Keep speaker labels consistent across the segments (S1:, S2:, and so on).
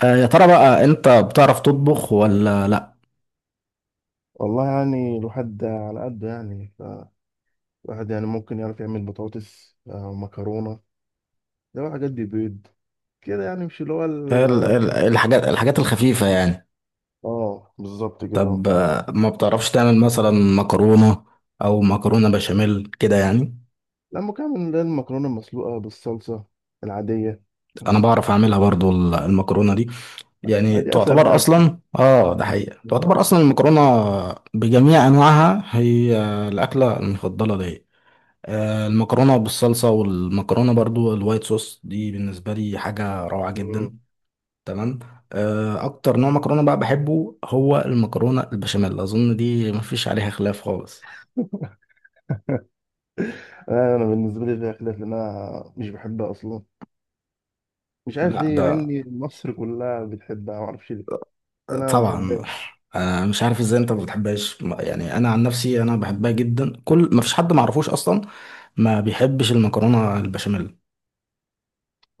S1: يا ترى بقى انت بتعرف تطبخ ولا لا؟
S2: والله يعني الواحد على قده يعني. فالواحد يعني ممكن يعرف يعمل بطاطس، مكرونة. ده حاجات دي بيض كده يعني، مش اللي هو
S1: الحاجات الخفيفة يعني.
S2: اه، بالظبط كده.
S1: طب، ما بتعرفش تعمل مثلا مكرونة او مكرونة بشاميل كده يعني؟
S2: لا، ممكن اعمل اللي هي المكرونة المسلوقة بالصلصة العادية
S1: انا
S2: بس.
S1: بعرف اعملها برضو المكرونة دي. يعني
S2: ما دي اسهل
S1: تعتبر
S2: حاجة.
S1: اصلا، ده حقيقة، تعتبر اصلا المكرونة بجميع انواعها هي الاكلة المفضلة ليا. المكرونة بالصلصة والمكرونة برضو الوايت صوص دي بالنسبة لي حاجة روعة
S2: مم.
S1: جدا. تمام. اكتر نوع مكرونه بقى بحبه هو المكرونه البشاميل، اظن دي مفيش عليها خلاف خالص.
S2: أنا بالنسبة لي فيها خلاف، لان انا مش بحبها اصلا. مش عارف
S1: لا،
S2: ليه، مع
S1: ده
S2: ان مصر كلها بتحبها، ما اعرفش ليه. بس انا ما
S1: طبعا.
S2: بحبهاش.
S1: مش عارف ازاي انت ما بتحبهاش. يعني انا عن نفسي انا بحبها جدا، كل مفيش حد ما اعرفوش اصلا ما بيحبش المكرونه البشاميل.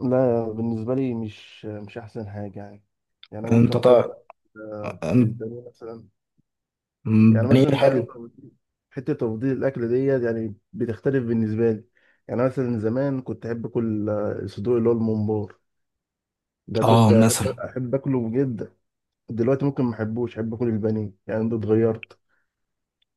S2: لا، بالنسبة لي مش أحسن حاجة يعني. يعني أنا
S1: انت
S2: ممكن أفضل
S1: طبعا.
S2: البانيه مثلا. يعني
S1: بانيه
S2: مثلا
S1: حلو.
S2: حتة تفضيل الأكل ديت يعني بتختلف بالنسبة لي. يعني مثلا زمان كنت أحب أكل الصدور، اللي هو الممبار. ده
S1: اه،
S2: كنت أحب
S1: مثلا
S2: أحب أكله جدا. دلوقتي ممكن ما أحبوش، أحب أكل البانيه، يعني ده اتغيرت.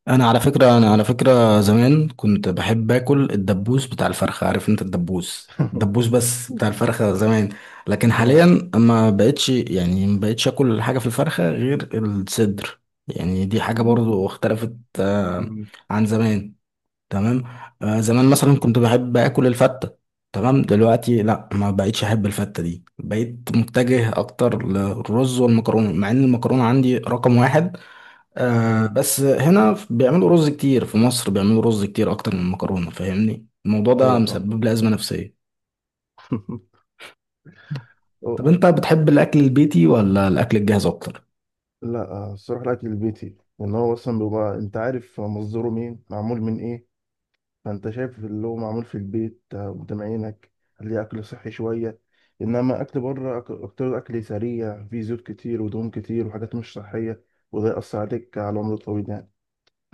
S1: انا على فكره زمان كنت بحب اكل الدبوس بتاع الفرخه، عارف انت الدبوس بس بتاع الفرخه زمان. لكن
S2: آه.
S1: حاليا ما بقتش، يعني ما بقتش اكل حاجه في الفرخه غير الصدر. يعني دي حاجه برضو اختلفت
S2: م-
S1: عن زمان. تمام. زمان مثلا كنت بحب اكل الفته. تمام، دلوقتي لا، ما بقتش احب الفته دي، بقيت متجه اكتر للرز والمكرونه، مع ان المكرونه عندي رقم واحد.
S2: م-
S1: بس هنا بيعملوا رز كتير، في مصر بيعملوا رز كتير اكتر من المكرونه، فاهمني؟ الموضوع ده
S2: أيوه طبعا.
S1: مسبب لي ازمه نفسيه.
S2: أو-
S1: طب انت بتحب الاكل البيتي ولا الاكل الجاهز اكتر؟
S2: لا، الصراحة الأكل البيتي، لأن هو أصلا بيبقى أنت عارف مصدره مين، معمول من إيه. فانت شايف اللي هو معمول في البيت قدام عينك. هتلاقي اكل صحي شويه. انما اكل بره اكتر، اكل سريع فيه زيوت كتير ودهون كتير وحاجات مش صحيه. وده ياثر عليك على العمر الطويل يعني.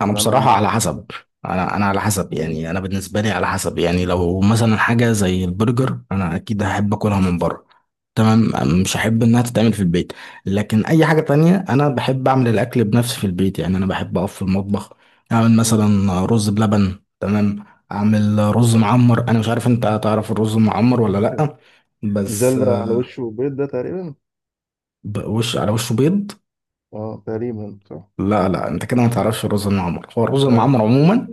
S1: انا
S2: فانا
S1: بصراحه على
S2: ما
S1: حسب، انا على حسب، يعني انا بالنسبه لي على حسب. يعني لو مثلا حاجه زي البرجر، انا اكيد هحب اكلها من بره. تمام. مش هحب انها تتعمل في البيت. لكن اي حاجه تانية انا بحب اعمل الاكل بنفسي في البيت، يعني انا بحب اقف في المطبخ، اعمل
S2: م- م-
S1: مثلا رز بلبن. تمام. اعمل رز معمر. انا مش عارف، انت تعرف الرز المعمر ولا لا؟
S2: مش ده
S1: بس
S2: اللي على وشه بيض ده تقريبا؟
S1: وش، على وشه بيض.
S2: اه، تقريبا صح.
S1: لا لا، انت كده ما تعرفش الرز المعمر. هو الرز
S2: لا،
S1: المعمر
S2: اوكي.
S1: عموما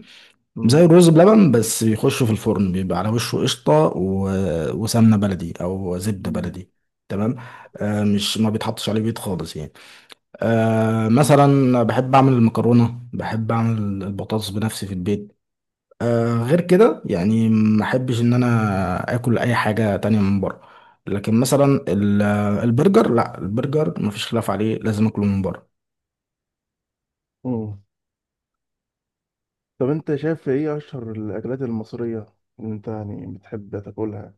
S2: م-
S1: زي الرز بلبن، بس بيخش في الفرن بيبقى على وشه قشطة و وسمنة بلدي أو زبدة
S2: م-
S1: بلدي. تمام. مش ما بيتحطش عليه بيض خالص يعني. مثلا بحب أعمل المكرونة، بحب أعمل البطاطس بنفسي في البيت. غير كده يعني ما أحبش إن أنا آكل أي حاجة تانية من بره. لكن مثلا البرجر، لا، البرجر مفيش خلاف عليه، لازم أكله من بره.
S2: م. طب، انت شايف ايه اشهر الاكلات المصريه اللي انت يعني بتحب تاكلها،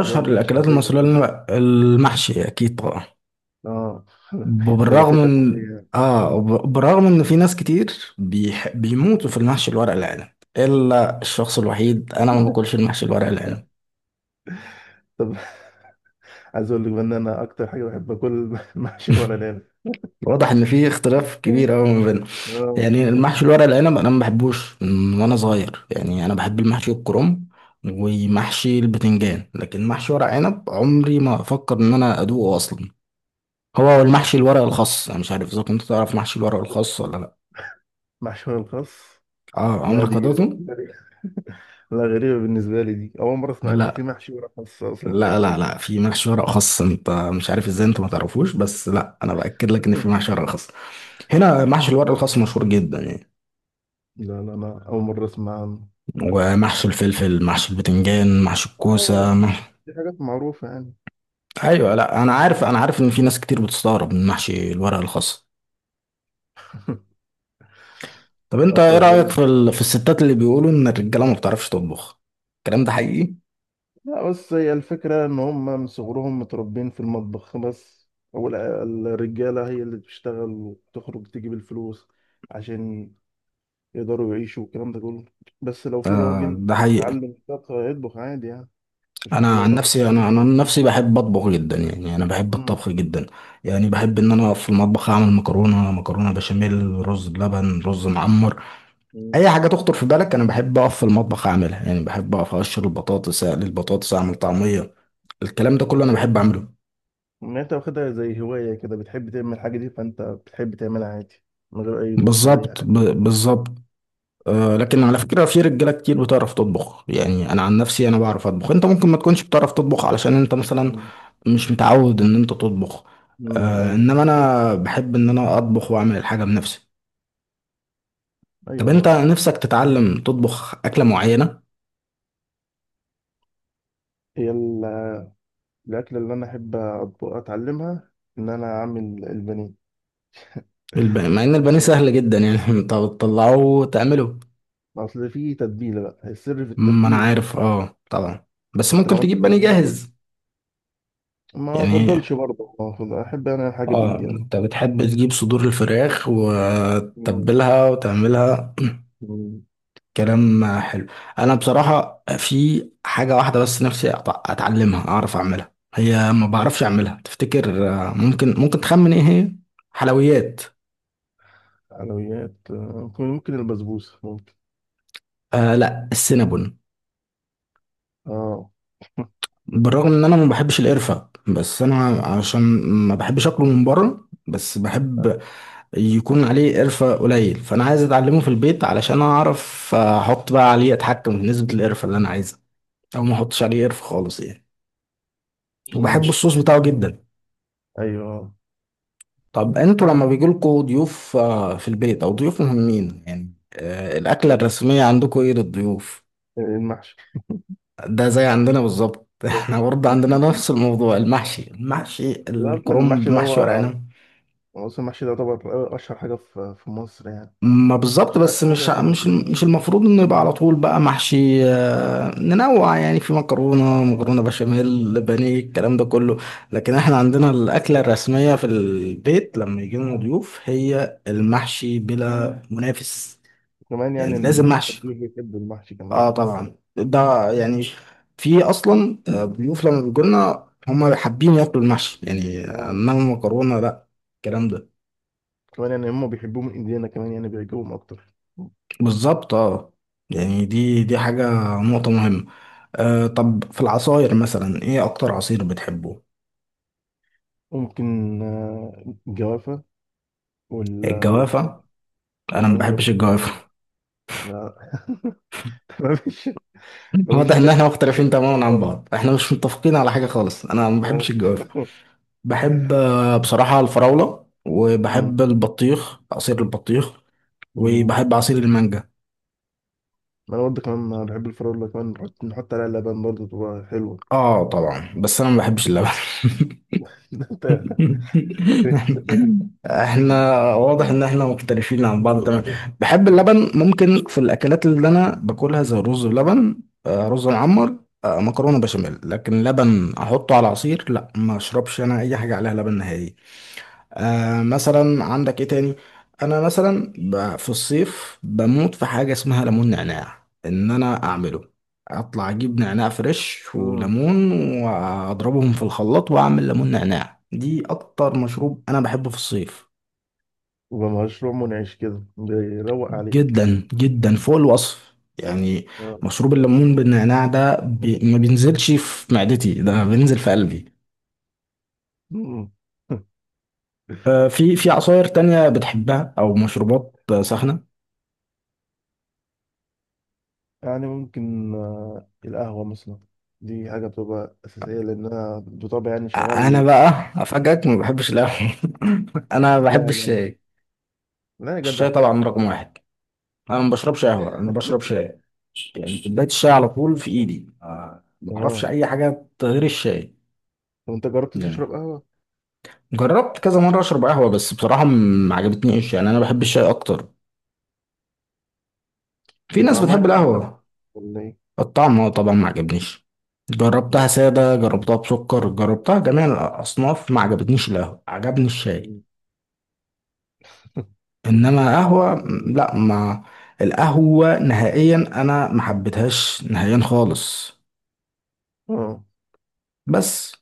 S2: اللي هي اكلات
S1: الأكلات
S2: شعبيه
S1: المصرية
S2: كده؟
S1: اللي المحشي أكيد طبعا.
S2: اه. ده
S1: بالرغم
S2: الاخيره.
S1: ان في ناس كتير بيموتوا في المحشي الورق العنب، الا الشخص الوحيد انا ما باكلش المحشي الورق العنب.
S2: طب، عايز اقول لك بقى ان انا اكتر حاجه بحب اكل محشي الورق العنب.
S1: واضح ان في اختلاف كبير قوي ما بيننا.
S2: آه،
S1: يعني المحشي الورق العنب انا ما بحبوش من وانا صغير، يعني انا بحب المحشي الكرنب ومحشي البتنجان. لكن محشي ورق عنب عمري ما افكر ان انا ادوقه اصلا. هو المحشي الورق الخاص، انا مش عارف اذا كنت تعرف محشي الورق الخاص ولا لا.
S2: محشي ورق الخاص.
S1: اه،
S2: لا،
S1: عمرك ما
S2: دي
S1: دوقته.
S2: لا، غريبه بالنسبه لي، دي اول مره اسمع ان في
S1: لا
S2: محشي ورق خاص اصلا.
S1: لا لا لا، في محشي ورق خاص. انت مش عارف ازاي انت ما تعرفوش، بس لا، انا باكد لك ان في محشي ورق خاص. هنا محشي الورق الخاص مشهور جدا يعني.
S2: لا لا، انا اول مره اسمع عنه.
S1: ومحشي الفلفل، محشي البتنجان، محشي
S2: آه،
S1: الكوسه،
S2: دي حاجات معروفه يعني.
S1: ايوه، لا انا عارف ان في ناس كتير بتستغرب من محشي الورق الخاص. طب انت
S2: اصلا
S1: ايه رايك
S2: غريب.
S1: في في الستات اللي بيقولوا ان الرجاله ما بتعرفش تطبخ؟ الكلام ده حقيقي.
S2: لا، بس هي الفكره ان هم من صغرهم متربين في المطبخ بس. هو ال- الرجاله هي اللي بتشتغل وتخرج تجيب الفلوس، عشان يقدروا يعيشوا والكلام ده كله. بس لو في راجل
S1: ده
S2: اتعلم
S1: حقيقي.
S2: الطبخ، هيطبخ عادي يعني. مش مشكلة
S1: انا
S2: لو
S1: عن
S2: راجل
S1: نفسي
S2: شغال.
S1: انا انا عن نفسي بحب اطبخ جدا، يعني انا بحب
S2: امم.
S1: الطبخ جدا. يعني بحب ان انا اقف في المطبخ، اعمل مكرونه، مكرونه بشاميل، رز بلبن، رز معمر،
S2: أمم.
S1: اي حاجه تخطر في بالك انا بحب اقف في المطبخ اعملها. يعني بحب اقف اقشر البطاطس، اقلي البطاطس، اعمل طعميه، الكلام ده كله
S2: انت
S1: انا
S2: يعني
S1: بحب اعمله.
S2: انت واخدها زي هواية كده، بتحب تعمل الحاجة دي، فانت بتحب تعملها عادي، من غير اي ضغوط ولا اي
S1: بالظبط
S2: حاجة.
S1: ب- بالظبط لكن على فكره في رجاله كتير بتعرف تطبخ، يعني انا عن نفسي انا بعرف اطبخ. انت ممكن ما تكونش بتعرف تطبخ علشان انت مثلا
S2: امم.
S1: مش متعود ان انت تطبخ.
S2: أمم، ايوه.
S1: انما انا بحب ان انا اطبخ واعمل الحاجه بنفسي. طب انت
S2: ايوه.
S1: نفسك تتعلم تطبخ اكله معينه؟
S2: هي ال- الاكلة اللي انا احب اتعلمها، ان انا اعمل البانيه.
S1: مع ان البانيه
S2: أيوة.
S1: سهل جدا يعني، انت بتطلعه وتعمله.
S2: اصل في تتبيله بقى، السر في
S1: ما انا
S2: التتبيله.
S1: عارف، طبعا، بس
S2: انت لو
S1: ممكن
S2: عملت
S1: تجيب بانيه
S2: تتبيله كويس،
S1: جاهز
S2: ما
S1: يعني.
S2: افضلش برضه، ما أفضل- احب انا الحاجه
S1: اه،
S2: بايدي يعني.
S1: انت بتحب تجيب صدور الفراخ
S2: مم.
S1: وتتبلها وتعملها.
S2: مم.
S1: كلام حلو. انا بصراحه في حاجه واحده بس نفسي اتعلمها، اعرف اعملها، هي ما بعرفش اعملها. تفتكر، ممكن تخمن ايه هي؟ حلويات.
S2: حلويات، ممكن البسبوسة ممكن.
S1: لا، السينابون.
S2: اه.
S1: بالرغم ان انا ما بحبش القرفه، بس انا
S2: مم.
S1: عشان ما بحبش اكله من بره، بس بحب يكون عليه قرفه قليل. فانا عايز اتعلمه في البيت علشان اعرف احط بقى عليه، اتحكم في نسبه القرفه اللي انا عايزها، او ما احطش عليه قرفه خالص يعني. وبحب
S2: مم.
S1: الصوص بتاعه جدا.
S2: ايوه.
S1: طب انتوا لما بيجيلكوا ضيوف في البيت او ضيوف مهمين يعني، الاكله
S2: مم.
S1: الرسميه عندكوا ايه للضيوف؟
S2: المحشي.
S1: ده زي عندنا بالظبط.
S2: طب،
S1: احنا برضه عندنا نفس الموضوع، المحشي، المحشي
S2: لا، أصلاً
S1: الكرنب،
S2: المحشي ده هو.
S1: محشي ورق عنب.
S2: أصلا المحشي ده طبعا أشهر حاجة في مصر يعني.
S1: ما بالظبط،
S2: أشهر
S1: بس
S2: أكل أشهر
S1: مش
S2: أكل
S1: مش
S2: مصرية.
S1: مش المفروض انه يبقى على طول بقى محشي، ننوع، يعني في مكرونه، مكرونه بشاميل، بانيه، الكلام ده كله. لكن احنا
S2: مم.
S1: عندنا الاكله الرسميه في البيت لما يجي لنا ضيوف هي المحشي بلا منافس.
S2: كمان
S1: يعني
S2: يعني إن
S1: لازم محشي.
S2: الأكل بيحبوا المحشي كمان.
S1: اه طبعا، ده يعني في اصلا ضيوف لما بيجوا لنا هم حابين ياكلوا المحشي يعني،
S2: اه.
S1: انما المكرونه لا. الكلام ده
S2: كمان يعني هما بيحبوه من إيدينا كمان، يعني بيعجبهم أكتر.
S1: بالظبط، اه.
S2: مم.
S1: يعني دي حاجه، نقطه مهمه. طب في العصاير مثلا ايه اكتر عصير بتحبه؟
S2: ممكن الجوافة والمانجا،
S1: الجوافه. انا ما
S2: والمانجا
S1: بحبش الجوافه.
S2: والفراولة. لا تمام. مفيش
S1: واضح
S2: حاجة.
S1: ان احنا
S2: أنت
S1: مختلفين
S2: بتحبها
S1: تماما عن
S2: خالص.
S1: بعض، احنا مش متفقين على حاجه خالص، انا ما بحبش
S2: آه.
S1: الجوافه. بحب بصراحه الفراوله،
S2: أمم،
S1: وبحب البطيخ، عصير البطيخ،
S2: أمم.
S1: وبحب عصير المانجا.
S2: أنا برضه كمان بحب الفراولة، كمان نحط عليها لبن برضه تبقى حلوة.
S1: اه طبعا، بس انا ما بحبش اللبن.
S2: أنت. أنت فيها.
S1: احنا واضح ان احنا مختلفين عن بعض، تمام. بحب اللبن ممكن في الاكلات اللي انا باكلها زي الرز بلبن، رز معمر، مكرونه بشاميل، لكن لبن احطه على عصير لا، ما اشربش انا اي حاجه عليها لبن نهائي. مثلا عندك ايه تاني؟ انا مثلا في الصيف بموت في حاجه اسمها ليمون نعناع، ان انا اعمله، اطلع اجيب نعناع فريش
S2: أمم.
S1: وليمون واضربهم في الخلاط واعمل ليمون نعناع. دي اكتر مشروب انا بحبه في الصيف،
S2: يبقى مشروع منعش كده بيروق عليك.
S1: جدا جدا، فوق الوصف يعني.
S2: آه.
S1: مشروب الليمون بالنعناع ده ما بينزلش في معدتي، ده بينزل في قلبي.
S2: أمم.
S1: في عصاير تانية بتحبها او مشروبات ساخنه؟
S2: يعني ممكن القهوة مثلا. دي حاجة بتبقى أساسية، لأن أنا بطبعي يعني
S1: انا
S2: شغال.
S1: بقى افاجئك ما بحبش القهوه. انا ما
S2: لا يا
S1: بحبش
S2: جدع،
S1: الشاي.
S2: لا يا
S1: الشاي
S2: جدع.
S1: طبعا رقم واحد، انا ما بشربش قهوه، انا بشرب شاي. يعني كوبايه الشاي على طول في ايدي، ما اعرفش
S2: اه،
S1: اي حاجه غير الشاي.
S2: طب أنت جربت
S1: يعني.
S2: تشرب قهوة؟
S1: جربت كذا مره اشرب قهوه، بس بصراحه ما عجبتنيش، يعني انا بحب الشاي اكتر. في
S2: هي
S1: ناس
S2: طعمها
S1: بتحب
S2: يعني ما عجبك،
S1: القهوه.
S2: ولا
S1: الطعم هو طبعا ما عجبنيش. جربتها ساده،
S2: إيه؟
S1: جربتها بسكر، جربتها جميع الاصناف، ما عجبتنيش القهوه، عجبني الشاي. انما
S2: أو
S1: قهوه
S2: حاجة غريبة.
S1: لا، ما. القهوه نهائيا، انا ما حبيتهاش نهائيا خالص.
S2: اه.
S1: بس.